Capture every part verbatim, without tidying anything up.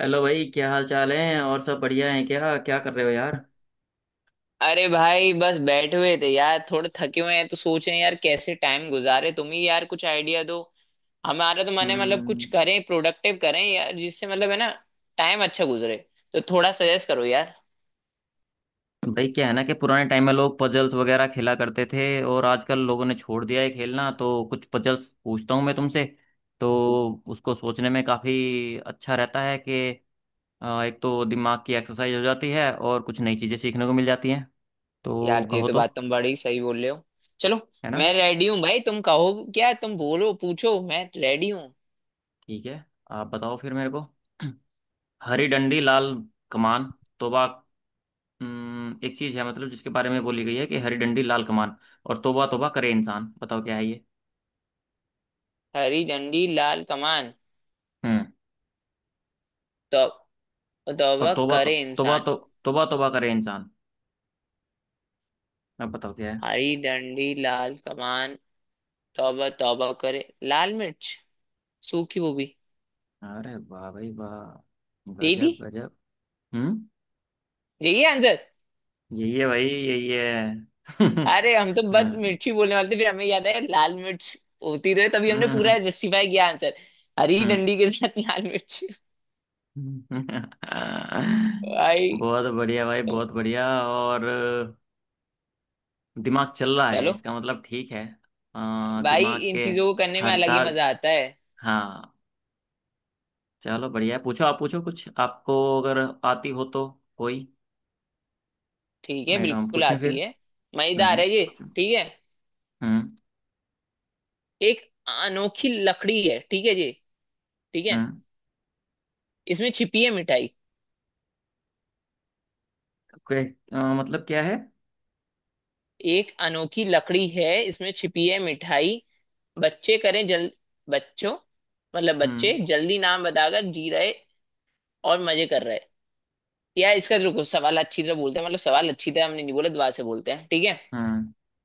Hello भाई, क्या हाल चाल है? और सब बढ़िया है? क्या क्या कर रहे हो यार? अरे भाई बस बैठे हुए थे यार, थोड़े थके हुए हैं तो सोचे यार कैसे टाइम गुजारे। तुम ही यार कुछ आइडिया दो। हमारा तो मन है मतलब कुछ हम्म। करें, प्रोडक्टिव करें यार, जिससे मतलब है ना टाइम अच्छा गुजरे। तो थोड़ा सजेस्ट करो यार। भाई क्या है ना कि पुराने टाइम में लोग पजल्स वगैरह खेला करते थे, और आजकल लोगों ने छोड़ दिया है खेलना। तो कुछ पजल्स पूछता हूँ मैं तुमसे। तो उसको सोचने में काफ़ी अच्छा रहता है कि अ, एक तो दिमाग की एक्सरसाइज हो जाती है, और कुछ नई चीज़ें सीखने को मिल जाती हैं। तो यार ये कहो तो तो। बात तुम बड़ी सही बोल रहे हो। चलो, है ना। मैं रेडी हूँ भाई। तुम कहो, क्या तुम बोलो, पूछो, मैं रेडी हूँ। ठीक है, आप बताओ फिर मेरे को। हरी डंडी लाल कमान, तोबा। हम्म, एक चीज है मतलब, जिसके बारे में बोली गई है कि हरी डंडी लाल कमान, और तौबा तौबा करे इंसान। बताओ क्या है ये? हरी डंडी लाल कमान। हम्म। तो और तौबा तौबा तो, करे तौबा इंसान। तो, तौबा तौबा करे इंसान। अब बताओ क्या है? हरी डंडी लाल कमान, तौबा तौबा करे, लाल मिर्च, सूखी वो भी। अरे वाह भाई वाह! दे दी गजब गजब। हम्म। यही आंसर। यही है भाई, यही है। अरे हम तो बस हाँ, मिर्ची बोलने वाले थे, फिर हमें याद है लाल मिर्च होती रहे, तभी हमने पूरा हम्म जस्टिफाई किया आंसर। हरी हम्म, हम्म। डंडी के साथ लाल मिर्च। भाई। बहुत बढ़िया भाई, बहुत बढ़िया। और दिमाग चल रहा है, चलो। इसका मतलब ठीक है। अ, भाई दिमाग इन के चीजों को करने में हर अलग ही तार। मजा आता है। हाँ। चलो बढ़िया है, पूछो। आप पूछो कुछ आपको, अगर आती हो तो कोई। ठीक है, नहीं तो हम बिल्कुल पूछें आती फिर। है। मजेदार हम्म, है ये। पूछो। ठीक है। हम्म एक अनोखी लकड़ी है, ठीक है जी। ठीक है। हम्म। इसमें छिपी है मिठाई। ओके। अ, मतलब क्या है? एक अनोखी लकड़ी है, इसमें छिपी है मिठाई। बच्चे करें जल, बच्चों, मतलब बच्चे हम्म जल्दी नाम बताकर जी रहे और मजे कर रहे हैं। यार इसका रुको, सवाल अच्छी तरह बोलते हैं, मतलब सवाल अच्छी तरह हमने नहीं बोला, दुआ से बोलते हैं। ठीक है। हम्म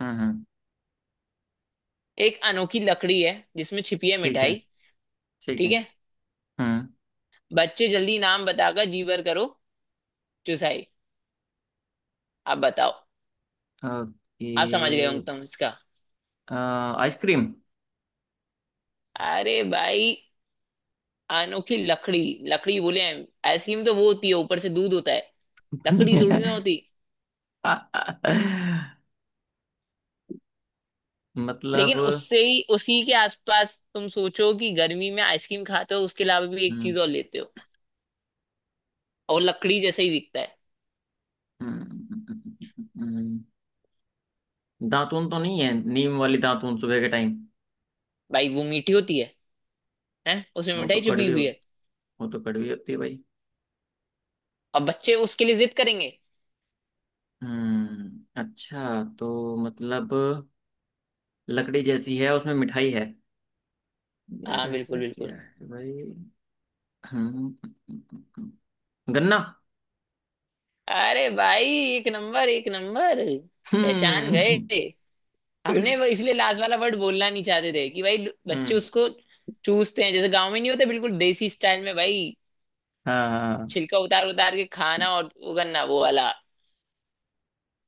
हम्म हम्म, एक अनोखी लकड़ी है जिसमें छिपी है ठीक है, मिठाई, ठीक है। ठीक है। हम्म। बच्चे जल्दी नाम बताकर जीवर करो चुसाई। आप बताओ। ओके। आप समझ गए होंगे तुम इसका। अ, आइसक्रीम। अरे भाई, अनोखी लकड़ी, लकड़ी बोले हैं। आइसक्रीम तो वो होती है, ऊपर से दूध होता है, लकड़ी थोड़ी ना होती। लेकिन मतलब। उससे ही, उसी के आसपास तुम सोचो कि गर्मी में आइसक्रीम खाते हो, उसके अलावा भी एक हम्म चीज और लेते हो, और लकड़ी जैसे ही दिखता है। हम्म, दातून तो नहीं है? नीम वाली दातून सुबह के टाइम? भाई वो मीठी होती है है उसमें वो तो मिठाई छुपी कड़वी हो, हुई है, वो तो कड़वी होती है भाई। और बच्चे उसके लिए जिद करेंगे। हम्म, अच्छा। तो मतलब लकड़ी जैसी है, उसमें मिठाई है। यार हाँ ऐसा बिल्कुल बिल्कुल। क्या है भाई? हम्म। गन्ना। अरे भाई, एक नंबर एक नंबर। पहचान हम्म गए। हमने वो इसलिए लास्ट वाला वर्ड बोलना नहीं चाहते थे कि भाई बच्चे हम्म। उसको चूसते हैं, जैसे गांव में नहीं होते, बिल्कुल देसी स्टाइल में भाई, हाँ हाँ, छिलका उतार उतार के खाना और वो करना वो वाला।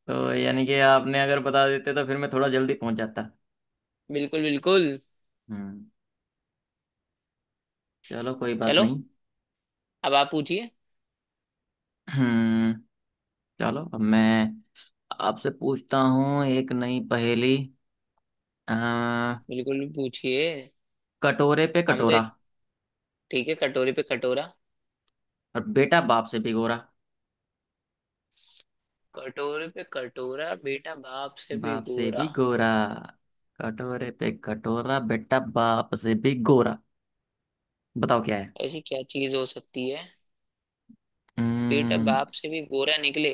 तो यानी कि आपने अगर बता देते तो फिर मैं थोड़ा जल्दी पहुंच जाता। बिल्कुल बिल्कुल। हम्म, चलो कोई बात चलो, नहीं। अब आप पूछिए। हम्म। चलो, अब मैं आपसे पूछता हूँ एक नई पहेली। अ, बिल्कुल पूछिए। कटोरे पे हम तो, कटोरा, ठीक है, कटोरे पे कटोरा। और बेटा बाप से भिगोरा। कटोरे पे कटोरा बेटा बाप से भी बाप से गोरा। भी गोरा। कटोरे पे कटोरा, बेटा बाप से भी गोरा। बताओ क्या है? ऐसी क्या चीज हो सकती है, बेटा हम्म। बाप से भी गोरा निकले।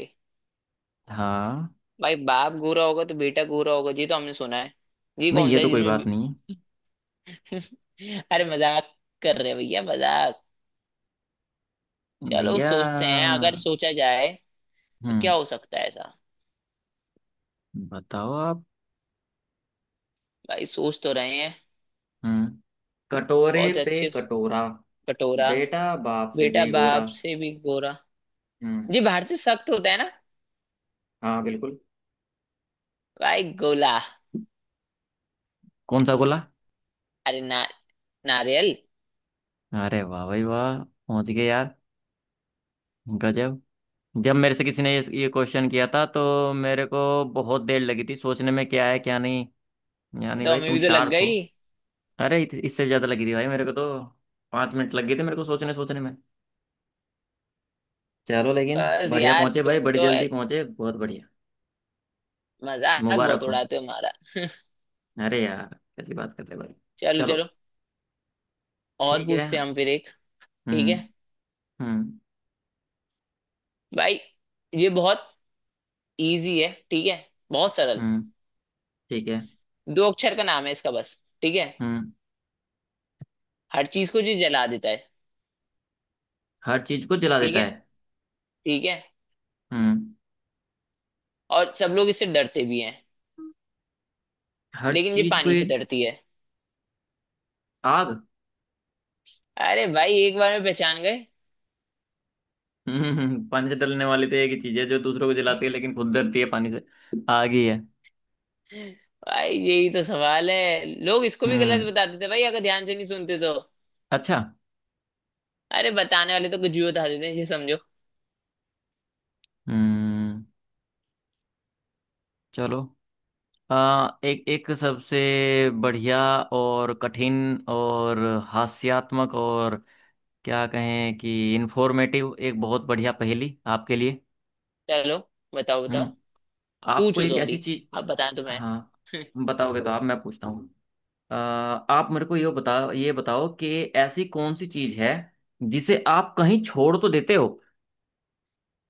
हाँ। भाई बाप गोरा होगा तो बेटा गोरा होगा जी, तो हमने सुना है। जी नहीं, कौन ये सा है तो कोई जिसमें बात बे- नहीं। अरे मजाक कर रहे हैं भैया, मजाक। भैया चलो है, सोचते हैं, अगर भैया। सोचा जाए तो हम्म। क्या हो सकता है ऐसा। बताओ आप। भाई सोच तो रहे हैं। हम्म। कटोरे बहुत पे अच्छे स- कटोरा, कटोरा, बेटा बाप से बेटा भी गोरा। बाप से भी गोरा। हम्म। जी बाहर से सख्त होता है ना। हाँ बिल्कुल। भाई गोला। कौन सा गोला? अरे ना, नारियल ये। अरे वाह भाई वाह! पहुंच गए यार। गजब। जब मेरे से किसी ने ये, ये क्वेश्चन किया था, तो मेरे को बहुत देर लगी थी सोचने में क्या है क्या नहीं। यानी तो भाई हमें तुम भी तो लग शार्प हो। गई। अरे इत- इससे भी ज्यादा लगी थी भाई मेरे को तो। पाँच मिनट लग गए थे मेरे को सोचने सोचने में। चलो, लेकिन बस बढ़िया यार पहुंचे भाई, तुम बड़ी तो ए- जल्दी पहुंचे। बहुत बढ़िया, मजाक मुबारक बहुत हो। उड़ाते हो हमारा। अरे यार, कैसी बात करते हैं भाई। चलो चलो चलो, और ठीक है। पूछते हैं हम फिर एक। ठीक है हम्म हम्म भाई, ये बहुत इजी है, ठीक है, बहुत सरल। हम्म। ठीक है। दो अक्षर का नाम है इसका बस, ठीक है। हम्म। हर चीज को ये जला देता है, हर चीज को जला ठीक देता है, है। ठीक है। हम्म, और सब लोग इससे डरते भी हैं, हर लेकिन ये चीज को पानी ये। से डरती है। आग। अरे भाई एक बार में पहचान गए। हम्म हम्म, हम्म, पानी से डलने वाली तो एक ही चीज है जो दूसरों को जलाती है, लेकिन खुद डरती है पानी से। आग ही है। भाई यही तो सवाल है, लोग इसको भी गलत हम्म, बता देते हैं भाई, अगर ध्यान से नहीं सुनते तो। अच्छा। अरे बताने वाले तो कुछ भी बता देते हैं ये समझो। हम्म। चलो, आ, एक एक सबसे बढ़िया और कठिन और हास्यात्मक और क्या कहें कि इंफॉर्मेटिव, एक बहुत बढ़िया पहेली आपके लिए। चलो। बताओ बताओ। हम्म। आपको पूछो एक ऐसी सॉरी, चीज। आप बताएं तो मैं। हाँ, बताओगे तो आप, मैं पूछता हूँ। आ, आप मेरे को ये बताओ ये बताओ कि ऐसी कौन सी चीज है जिसे आप कहीं छोड़ तो देते हो।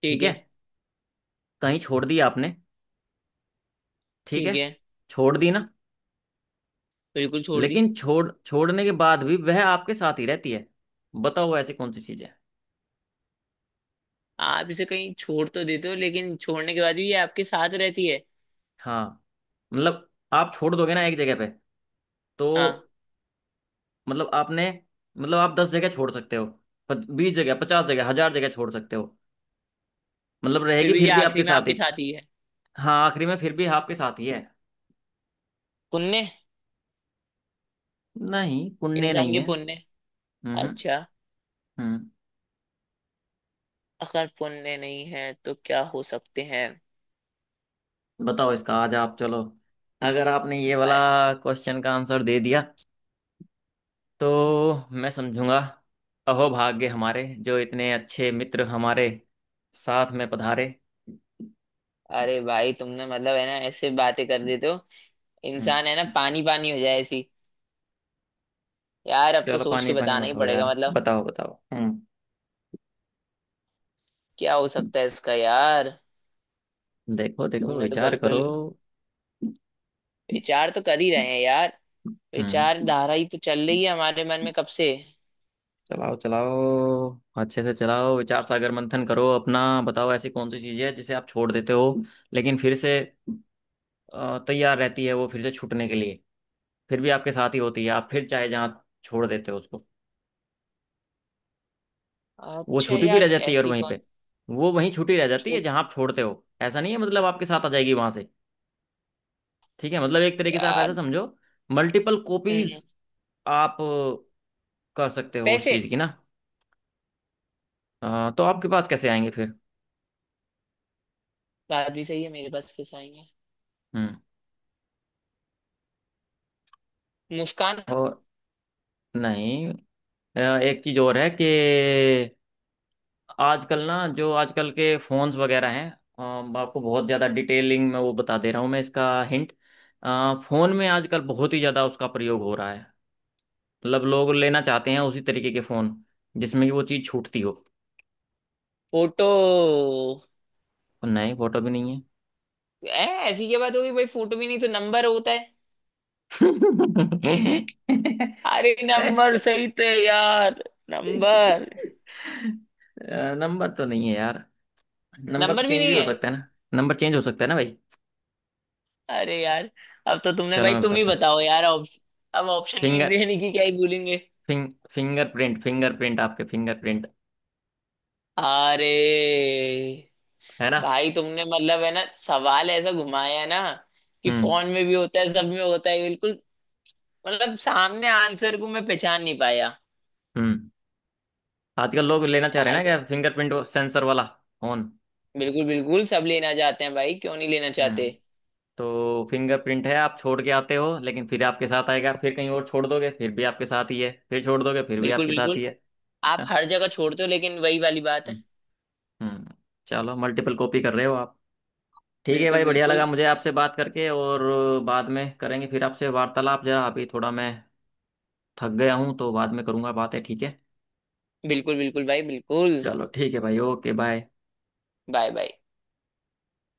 ठीक ठीक है, है, कहीं छोड़ दी आपने, ठीक है, ठीक है, छोड़ दी ना? बिल्कुल छोड़ दी। लेकिन छोड़ छोड़ने के बाद भी वह आपके साथ ही रहती है। बताओ वो ऐसी कौन सी चीज है? आप इसे कहीं छोड़ तो देते हो, लेकिन छोड़ने के बाद भी ये आपके साथ रहती है। हाँ, मतलब आप छोड़ दोगे ना एक जगह पे, हाँ, तो मतलब आपने, मतलब आप दस जगह छोड़ सकते हो, बीस जगह, पचास जगह, हजार जगह छोड़ सकते हो। मतलब फिर रहेगी भी ये फिर भी आपके आखिरी में साथ ही। आपके साथ ही है। हाँ, आखिरी में फिर भी आपके साथ ही है। पुण्य। नहीं, पुण्य इंसान नहीं के है। पुण्य। हम्म अच्छा। हम्म। अगर पुण्य नहीं है तो क्या हो सकते हैं। बताओ इसका आज आप। चलो, अगर आपने ये वाला भाई- क्वेश्चन का आंसर दे दिया तो मैं समझूंगा अहोभाग्य हमारे, जो इतने अच्छे मित्र हमारे साथ में पधारे। अरे भाई तुमने मतलब है ना, ऐसे बातें कर देते हो, हम्म। इंसान है ना पानी पानी हो जाए ऐसी। यार अब तो चलो सोच पानी के पानी बताना ही मत हो पड़ेगा, यार। मतलब बताओ बताओ। हम्म, क्या हो सकता है इसका यार। देखो देखो, तुमने तो विचार बिल्कुल, करो। विचार तो कर ही रहे हैं यार, हम्म, विचारधारा ही तो चल रही है हमारे मन में कब से। चलाओ चलाओ, अच्छे से चलाओ। विचार सागर मंथन करो अपना। बताओ ऐसी कौन सी चीज है जिसे आप छोड़ देते हो, लेकिन फिर से अ, तैयार रहती है वो फिर से छूटने के लिए। फिर भी आपके साथ ही होती है, आप फिर चाहे जहाँ छोड़ देते हो उसको। वो अच्छा छूटी भी रह यार जाती है और ऐसी वहीं कौन पे, वो वहीं छूटी रह जाती है छूट। जहाँ आप छोड़ते हो, ऐसा नहीं है। मतलब आपके साथ आ जाएगी वहां से। ठीक है, मतलब एक तरीके से आप यार ऐसा समझो, मल्टीपल हम्म, कॉपीज आप कर सकते हो उस पैसे। चीज़ की ना। अ, तो आपके पास कैसे आएंगे फिर? बात भी सही है, मेरे पास किस आएंगे। हम्म। मुस्कान। और नहीं। अ, एक चीज़ और है कि आजकल ना, जो आजकल के फोन्स वगैरह हैं, अ, आपको बहुत ज़्यादा डिटेलिंग में वो बता दे रहा हूँ मैं, इसका हिंट। फ़ोन में आजकल बहुत ही ज़्यादा उसका प्रयोग हो रहा है। मतलब लोग लेना चाहते हैं उसी तरीके के फ़ोन, जिसमें कि वो चीज़ छूटती हो। फोटो। और नहीं, फोटो भी नहीं है। ऐ ऐसी क्या बात होगी भाई, फोटो भी नहीं तो नंबर होता है। अरे नंबर सही थे यार। नंबर। अ, नंबर तो नहीं है यार, नंबर तो नंबर भी चेंज नहीं भी हो है। सकता है ना, नंबर चेंज हो सकता है ना भाई। अरे यार, अब तो तुमने, चलो भाई मैं तुम ही बताता हूँ। बताओ यार अब अब ऑप्शन भी फिंगर देने की क्या ही बोलेंगे। फिंग फिंगरप्रिंट, फिंगरप्रिंट, आपके फिंगरप्रिंट। अरे है ना? भाई तुमने मतलब है ना, सवाल ऐसा घुमाया है ना कि हम्म फोन में भी होता है, सब में होता है बिल्कुल। मतलब सामने आंसर को मैं पहचान नहीं पाया। हम्म। आजकल लोग लेना चाह रहे हैं यार ना, तो क्या फिंगरप्रिंट सेंसर वाला फोन। बिल्कुल बिल्कुल, सब लेना चाहते हैं भाई, क्यों नहीं लेना चाहते। हम्म। तो फिंगरप्रिंट है, आप छोड़ के आते हो लेकिन फिर आपके साथ आएगा, फिर कहीं और छोड़ दोगे फिर भी आपके साथ ही है, फिर छोड़ दोगे फिर भी बिल्कुल आपके साथ बिल्कुल। ही है। है आप ना? हर जगह छोड़ते हो, लेकिन वही वाली बात है। हम्म हम्म। चलो, मल्टीपल कॉपी कर रहे हो आप। ठीक है बिल्कुल भाई, बढ़िया लगा बिल्कुल। मुझे आपसे बात करके। और बाद में करेंगे फिर आपसे वार्तालाप, जरा अभी थोड़ा मैं थक गया हूँ, तो बाद में करूँगा बातें, ठीक है? बिल्कुल बिल्कुल भाई, बिल्कुल। चलो ठीक है भाई, ओके, बाय। Bye bye.